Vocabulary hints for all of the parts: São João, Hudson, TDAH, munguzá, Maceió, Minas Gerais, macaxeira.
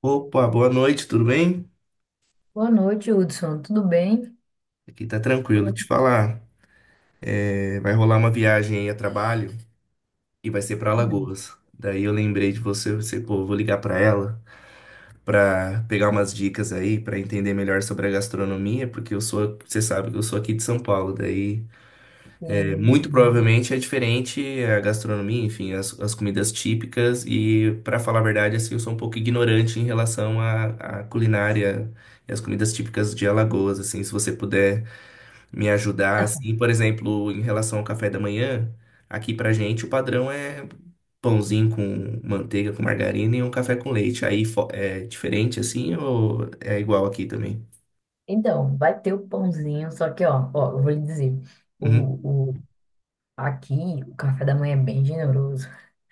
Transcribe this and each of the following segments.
Opa, boa noite, tudo bem? Boa noite, Hudson. Tudo bem? Aqui tá Como é tranquilo, te que falar. Vai rolar uma viagem aí a trabalho e vai ser pra tá? Alagoas. Daí eu lembrei de você, pô, vou ligar pra ela pra pegar umas dicas aí, pra entender melhor sobre a gastronomia, porque eu sou, você sabe que eu sou aqui de São Paulo. Daí, muito Sim. provavelmente é diferente a gastronomia, enfim, as comidas típicas e, pra falar a verdade, assim, eu sou um pouco ignorante em relação à culinária e as comidas típicas de Alagoas, assim, se você puder me ajudar, assim, por exemplo, em relação ao café da manhã, aqui pra gente o padrão é pãozinho com manteiga, com margarina e um café com leite. É diferente assim ou é igual aqui também? Então, vai ter o pãozinho, só que, ó, ó, eu vou lhe dizer, Uhum. o, o, aqui o café da manhã é bem generoso.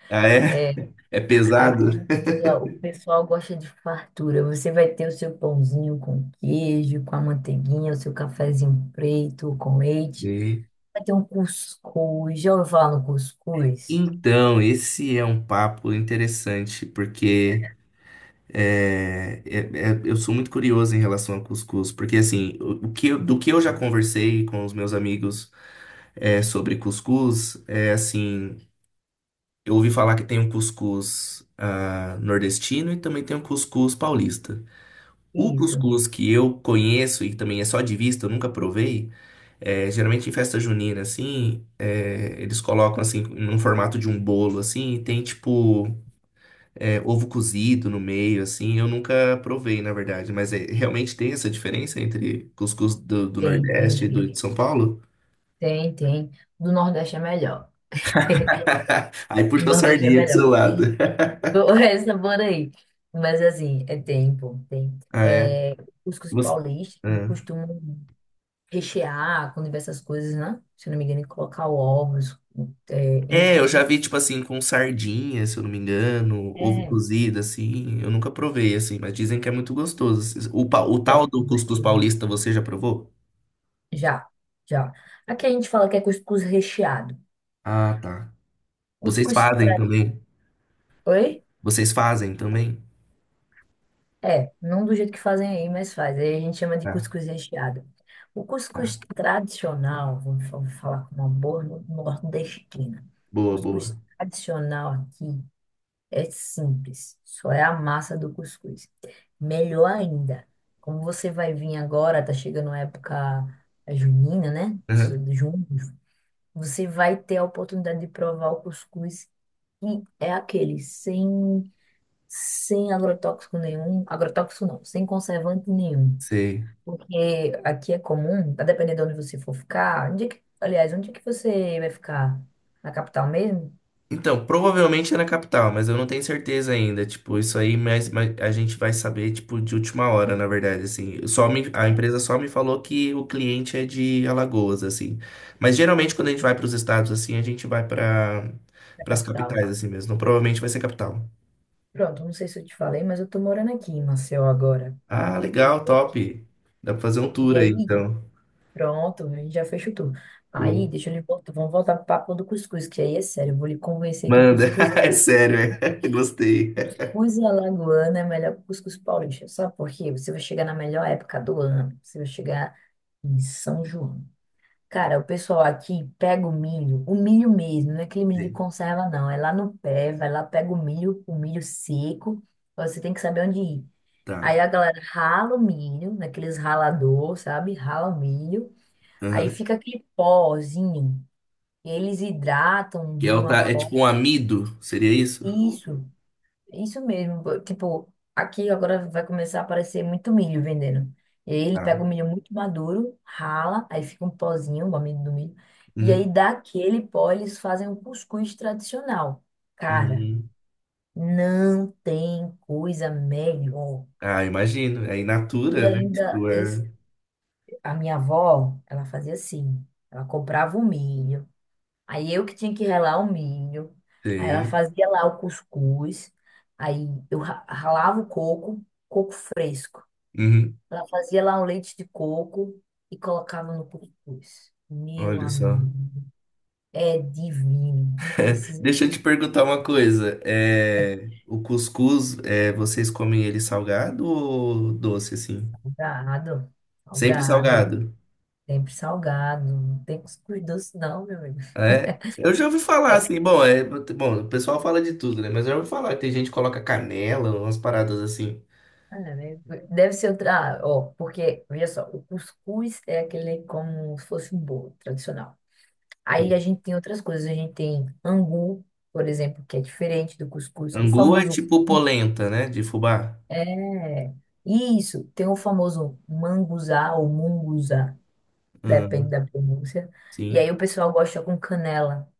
Ah, é? É Aqui pesado? ó, o pessoal gosta de fartura. Você vai ter o seu pãozinho com queijo, com a manteiguinha, o seu cafezinho preto, com leite. E- Vai ter um cuscuz. Já ouviu falar no cuscuz? Então, esse é um papo interessante, porque eu sou muito curioso em relação ao cuscuz, porque assim, o que, do que eu já conversei com os meus amigos sobre cuscuz, é assim. Eu ouvi falar que tem um cuscuz nordestino e também tem um cuscuz paulista. O Isso. cuscuz que eu conheço e também é só de vista, eu nunca provei, geralmente em festa junina, assim, eles colocam, assim, num formato de um bolo, assim, e tem, tipo, ovo cozido no meio, assim, eu nunca provei, na verdade. Mas é, realmente tem essa diferença entre cuscuz do Tem, tem, Nordeste e do tem. de São Paulo? Tem, tem. Do Nordeste é melhor. Aí O puxou a Nordeste é sardinha pro seu melhor. lado. Bom, essa bora aí. Mas assim, é tempo, tem. Ah, é? É, os cuscuz Você... paulistas eles Ah. costumam rechear com diversas coisas, né? Se eu não me engano, colocar ovos é, É, entre eu o já cuscuz. vi, tipo assim, com sardinha, se eu não me engano, ovo É, cozido, assim. Eu nunca provei, assim, mas dizem que é muito gostoso. Assim. O tal é, do cuscuz gostoso. paulista, você já provou? Já, já. Aqui a gente fala que é cuscuz recheado. Ah, tá. Vocês Cuscuz fazem tra... também? Oi? Vocês fazem também? É, não do jeito que fazem aí, mas faz. Aí a gente chama de Tá, cuscuz recheado. O cuscuz tá. tradicional, vamos falar com uma boa nordestina. O Boa, boa. cuscuz tradicional aqui é simples, só é a massa do cuscuz. Melhor ainda, como você vai vir agora, tá chegando a época é, junina, né? Isso Aham, de junho. Você vai ter a oportunidade de provar o cuscuz e é aquele sem agrotóxico nenhum, agrotóxico não, sem conservante nenhum. sei. Porque aqui é comum, a depender de onde você for ficar, onde é que, aliás, onde é que você vai ficar? Na capital mesmo? Então, provavelmente é na capital, mas eu não tenho certeza ainda. Tipo, isso aí, mas a gente vai saber, tipo, de última hora, na verdade, assim. A empresa só me falou que o cliente é de Alagoas, assim. Mas geralmente quando a gente vai para os estados, assim, a gente vai para Na as capital. capitais, assim mesmo. Então, provavelmente vai ser capital. Pronto, não sei se eu te falei, mas eu tô morando aqui em Maceió agora. Ah, legal, top. Dá pra fazer um tour E aí, aí, então. pronto, a gente já fez o tour. Pô, Aí, deixa eu lhe voltar, vamos voltar pro papo do cuscuz, que aí é sério, eu vou lhe convencer que o manda. cuscuz, É sério, é. Gostei. cuscuz alagoano é melhor que o cuscuz paulista. Sabe por quê? Você vai chegar na melhor época do ano, você vai chegar em São João. Cara, o pessoal aqui pega o milho mesmo, não é aquele milho de Sei. conserva, não. É lá no pé, vai lá, pega o milho seco, você tem que saber onde ir. Tá. Aí a galera rala o milho, naqueles ralador, sabe? Rala o milho, aí Aham. fica aquele pozinho. Eles hidratam Que é, de uma é tipo forma. um amido, seria isso? Isso. Isso mesmo, pô. Tipo, aqui agora vai começar a aparecer muito milho vendendo. E aí ele Tá. pega o milho muito maduro, rala, aí fica um pozinho, o amido do milho. E Uhum. aí daquele pó eles fazem um cuscuz tradicional. Cara, Uhum. não tem coisa melhor. Ah, imagino. É in E natura, né? ainda Tipo, eles, é. a minha avó, ela fazia assim, ela comprava o milho. Aí eu que tinha que ralar o milho. Aí ela Tem. fazia lá o cuscuz. Aí eu ralava o coco, coco fresco. Uhum. Ela fazia lá um leite de coco e colocava no cuscuz. Meu Olha só. amigo, é divino. Não precisa de Deixa eu te perguntar uma coisa. É... O cuscuz, é... vocês comem ele salgado ou doce, assim? salgado. Sempre Salgado. salgado. Sempre salgado. Não tem cuscuz doce, não, meu amigo. Ah, é. Eu já ouvi falar É, assim, bom, é... bom, o pessoal fala de tudo, né? Mas eu já ouvi falar que tem gente que coloca canela, umas paradas assim. é, né, deve ser outra. Ah, ó, porque, veja só, o cuscuz é aquele como se fosse um bolo tradicional. Aí a gente tem outras coisas, a gente tem angu, por exemplo, que é diferente do cuscuz. O Angu é famoso tipo polenta, né? De fubá. é isso, tem o famoso manguzá ou munguzá, depende Uhum. da pronúncia. E aí Sim. o pessoal gosta com canela.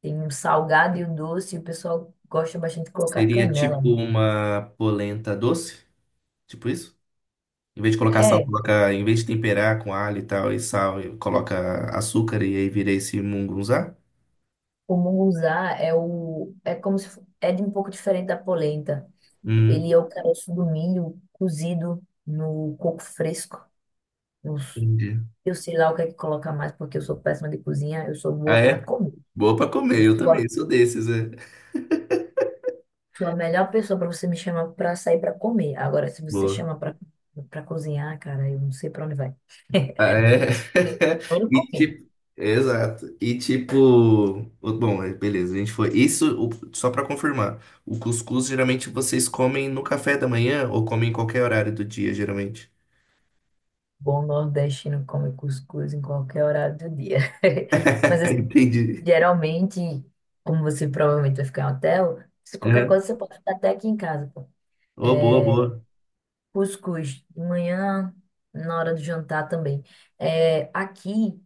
Tem um salgado e o doce, e o pessoal gosta bastante de colocar Seria canela. tipo uma polenta doce? Tipo isso? Em vez de colocar sal, É, coloca, em vez de temperar com alho e tal, e sal, e coloca açúcar e aí vira esse mungunzá? o munguzá é o é como se é de um pouco diferente da polenta. Hum, Ele é o caroço do milho cozido no coco fresco. entendi. Eu sei lá o que é que coloca mais, porque eu sou péssima de cozinha, eu sou Ah, boa para é? comer. Boa pra comer, Eu eu sou a, também sou desses, é. sou a melhor pessoa para você me chamar para sair para comer. Agora, se você Boa. chama para para cozinhar, cara, eu não sei para onde vai. Ah, é? Eu não E comi. tipo, exato. E tipo, bom, é, beleza, a gente foi. Isso, só pra confirmar, o cuscuz geralmente vocês comem no café da manhã ou comem em qualquer horário do dia, geralmente? Bom nordestino come cuscuz em qualquer horário do dia. Mas assim, Entendi. geralmente, como você provavelmente vai ficar em hotel, se qualquer Uhum. coisa você pode ficar até aqui em casa, pô. Oh, É, boa, boa. cuscuz de manhã, na hora do jantar também. É, aqui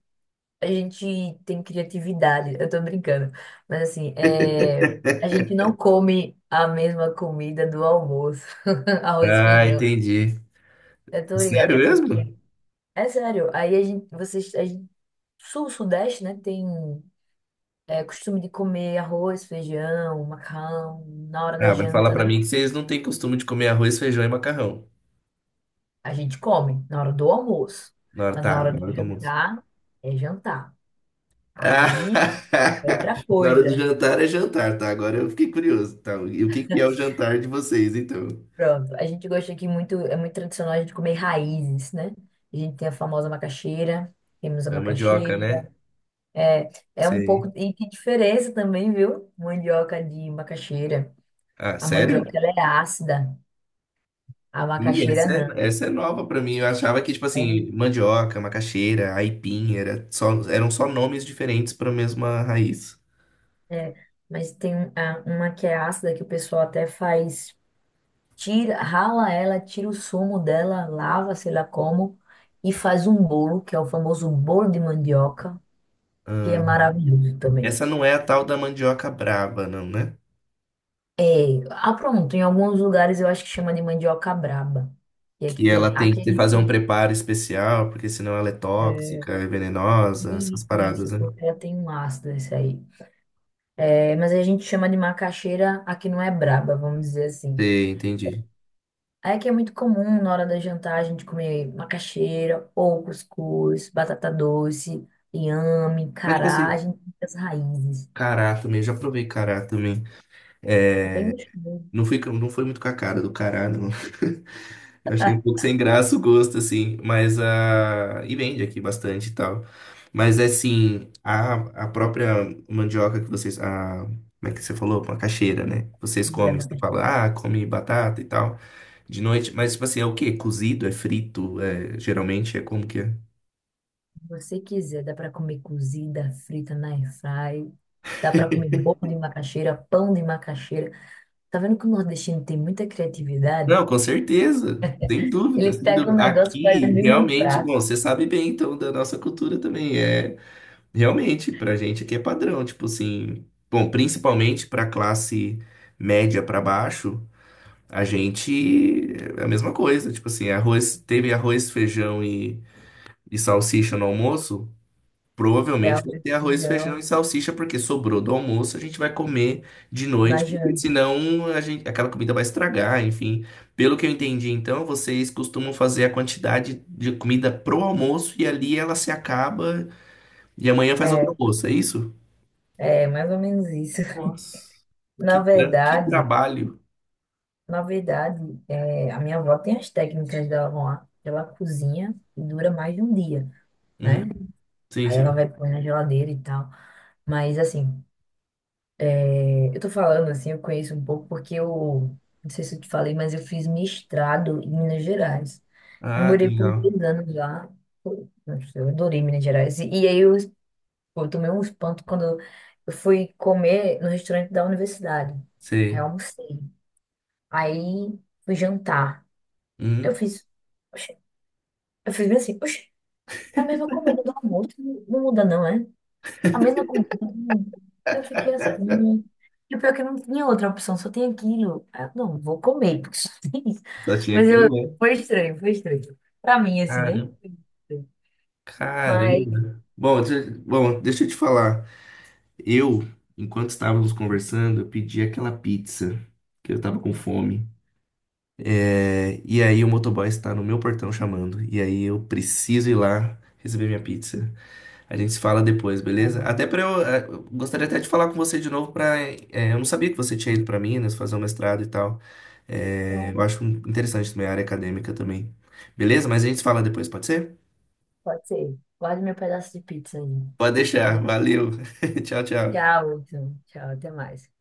a gente tem criatividade, eu tô brincando, mas assim, é, a gente não come a mesma comida do almoço, arroz e Ah, feijão. entendi. Eu tô Sério ligada porque, mesmo? é sério, aí a gente, vocês, a gente, sul, sudeste, né, tem é, costume de comer arroz, feijão, macarrão na hora da Ah, vai falar janta, pra né? mim que vocês não têm costume de comer arroz, feijão e macarrão. A gente come na hora do almoço, Na hora, mas na tá, hora na do hora do almoço. jantar é jantar. Ah, Aí é outra na hora do coisa. jantar é jantar, tá? Agora eu fiquei curioso, tá? E o que que é o jantar de vocês, então? Pronto. A gente gosta aqui muito, é muito tradicional a gente comer raízes, né? A gente tem a famosa macaxeira, temos a É mandioca, macaxeira. né? É, é um Sei. pouco. E que diferença também, viu? Mandioca de macaxeira. Ah, A mandioca sério? ela é ácida, a Ih, macaxeira não. essa é nova pra mim. Eu achava que, tipo Né? assim, mandioca, macaxeira, aipim, eram só nomes diferentes pra mesma raiz. É, mas tem uma que é ácida que o pessoal até faz, tira, rala ela, tira o sumo dela, lava, sei lá como, e faz um bolo, que é o famoso bolo de mandioca, que é maravilhoso também. Essa não é a tal da mandioca brava, não, né? É, ah, pronto, em alguns lugares eu acho que chama de mandioca braba. E aqui Que tem, ela aqui a gente fazer um chama preparo especial, porque senão ela é tóxica, é venenosa, essas isso, paradas, isso, né? porque ela tem um ácido esse aí. É, mas a gente chama de macaxeira, aqui não é braba, vamos dizer assim. Sei, entendi. Aí que é muito comum na hora da jantar a gente comer macaxeira, ou cuscuz, batata doce, inhame, Mas, tipo cará, a assim, gente tem as raízes. cará também, já provei cará também. É bem É, gostoso. Não foi muito com a cara do cará, não. Eu achei um pouco sem graça o gosto, assim, mas a. E vende aqui bastante e tal. Mas é assim, a própria mandioca que vocês. A... Como é que você falou? Macaxeira, né? Vocês Comer a comem, você macaxeira. fala, ah, come batata e tal, de noite. Mas, tipo assim, é o quê? Cozido? É frito? É... Geralmente é como que é? Você quiser, dá para comer cozida, frita na air fry, dá para comer bolo de macaxeira, pão de macaxeira. Tá vendo que o nordestino tem muita criatividade? Não, com certeza, sem dúvida, Ele sem pega um dúvida. negócio e faz Aqui, mil e um realmente, bom, prato. você sabe bem, então, da nossa cultura também. É. Realmente, pra gente aqui é padrão, tipo assim, bom, principalmente pra classe média pra baixo, a gente é a mesma coisa, tipo assim, teve arroz, e salsicha no almoço, É provavelmente o vai ter arroz, feijão e feijão, salsicha porque sobrou do almoço, a gente vai comer de na noite, porque janta. senão a gente, aquela comida vai estragar, enfim. Pelo que eu entendi, então, vocês costumam fazer a quantidade de comida pro almoço e ali ela se acaba e amanhã faz outro É, almoço, é isso? é mais ou menos isso. Nossa, Na que verdade, trabalho. na verdade, é, a minha avó tem as técnicas dela lá. Ela cozinha e dura mais de um dia, né? Uhum. Sim, Aí ela sim. vai pôr na geladeira e tal. Mas assim, eu tô falando assim, eu conheço um pouco porque eu, não sei se eu te falei, mas eu fiz mestrado em Minas Gerais. Eu Ah, que morei por legal. 2 anos lá. Pô, nossa, eu adorei Minas Gerais. E aí eu, pô, eu tomei um espanto quando eu fui comer no restaurante da universidade. Aí eu Sei. almocei. Aí fui jantar. Eu Uhum. fiz, oxe, eu fiz bem assim, oxe, é a mesma comida do almoço, não não muda não, é? A mesma comida. Eu fiquei assim. E o pior é que eu não tinha outra opção, só tem aquilo. Aí eu, não, vou comer, porque só tem isso. Só tinha Mas eu, aquilo, né? foi estranho, foi estranho. Pra mim, assim, né? Caramba. Mas, Caramba. Bom, deixa eu te falar. Eu, enquanto estávamos conversando, eu pedi aquela pizza, que eu estava com fome. É, e aí o motoboy está no meu portão chamando. E aí eu preciso ir lá receber minha pizza. A gente se fala depois, beleza? Até para eu, eh, eu gostaria até de falar com você de novo para, eu não sabia que você tinha ido para Minas fazer um mestrado e tal. Eh, então, eu acho interessante também a área acadêmica também. Beleza? Mas a gente se fala depois, pode ser? pode ser. Guarde meu pedaço de pizza aí. Pode deixar. Valeu. Tchau, tchau. Tchau, então. Tchau, até mais.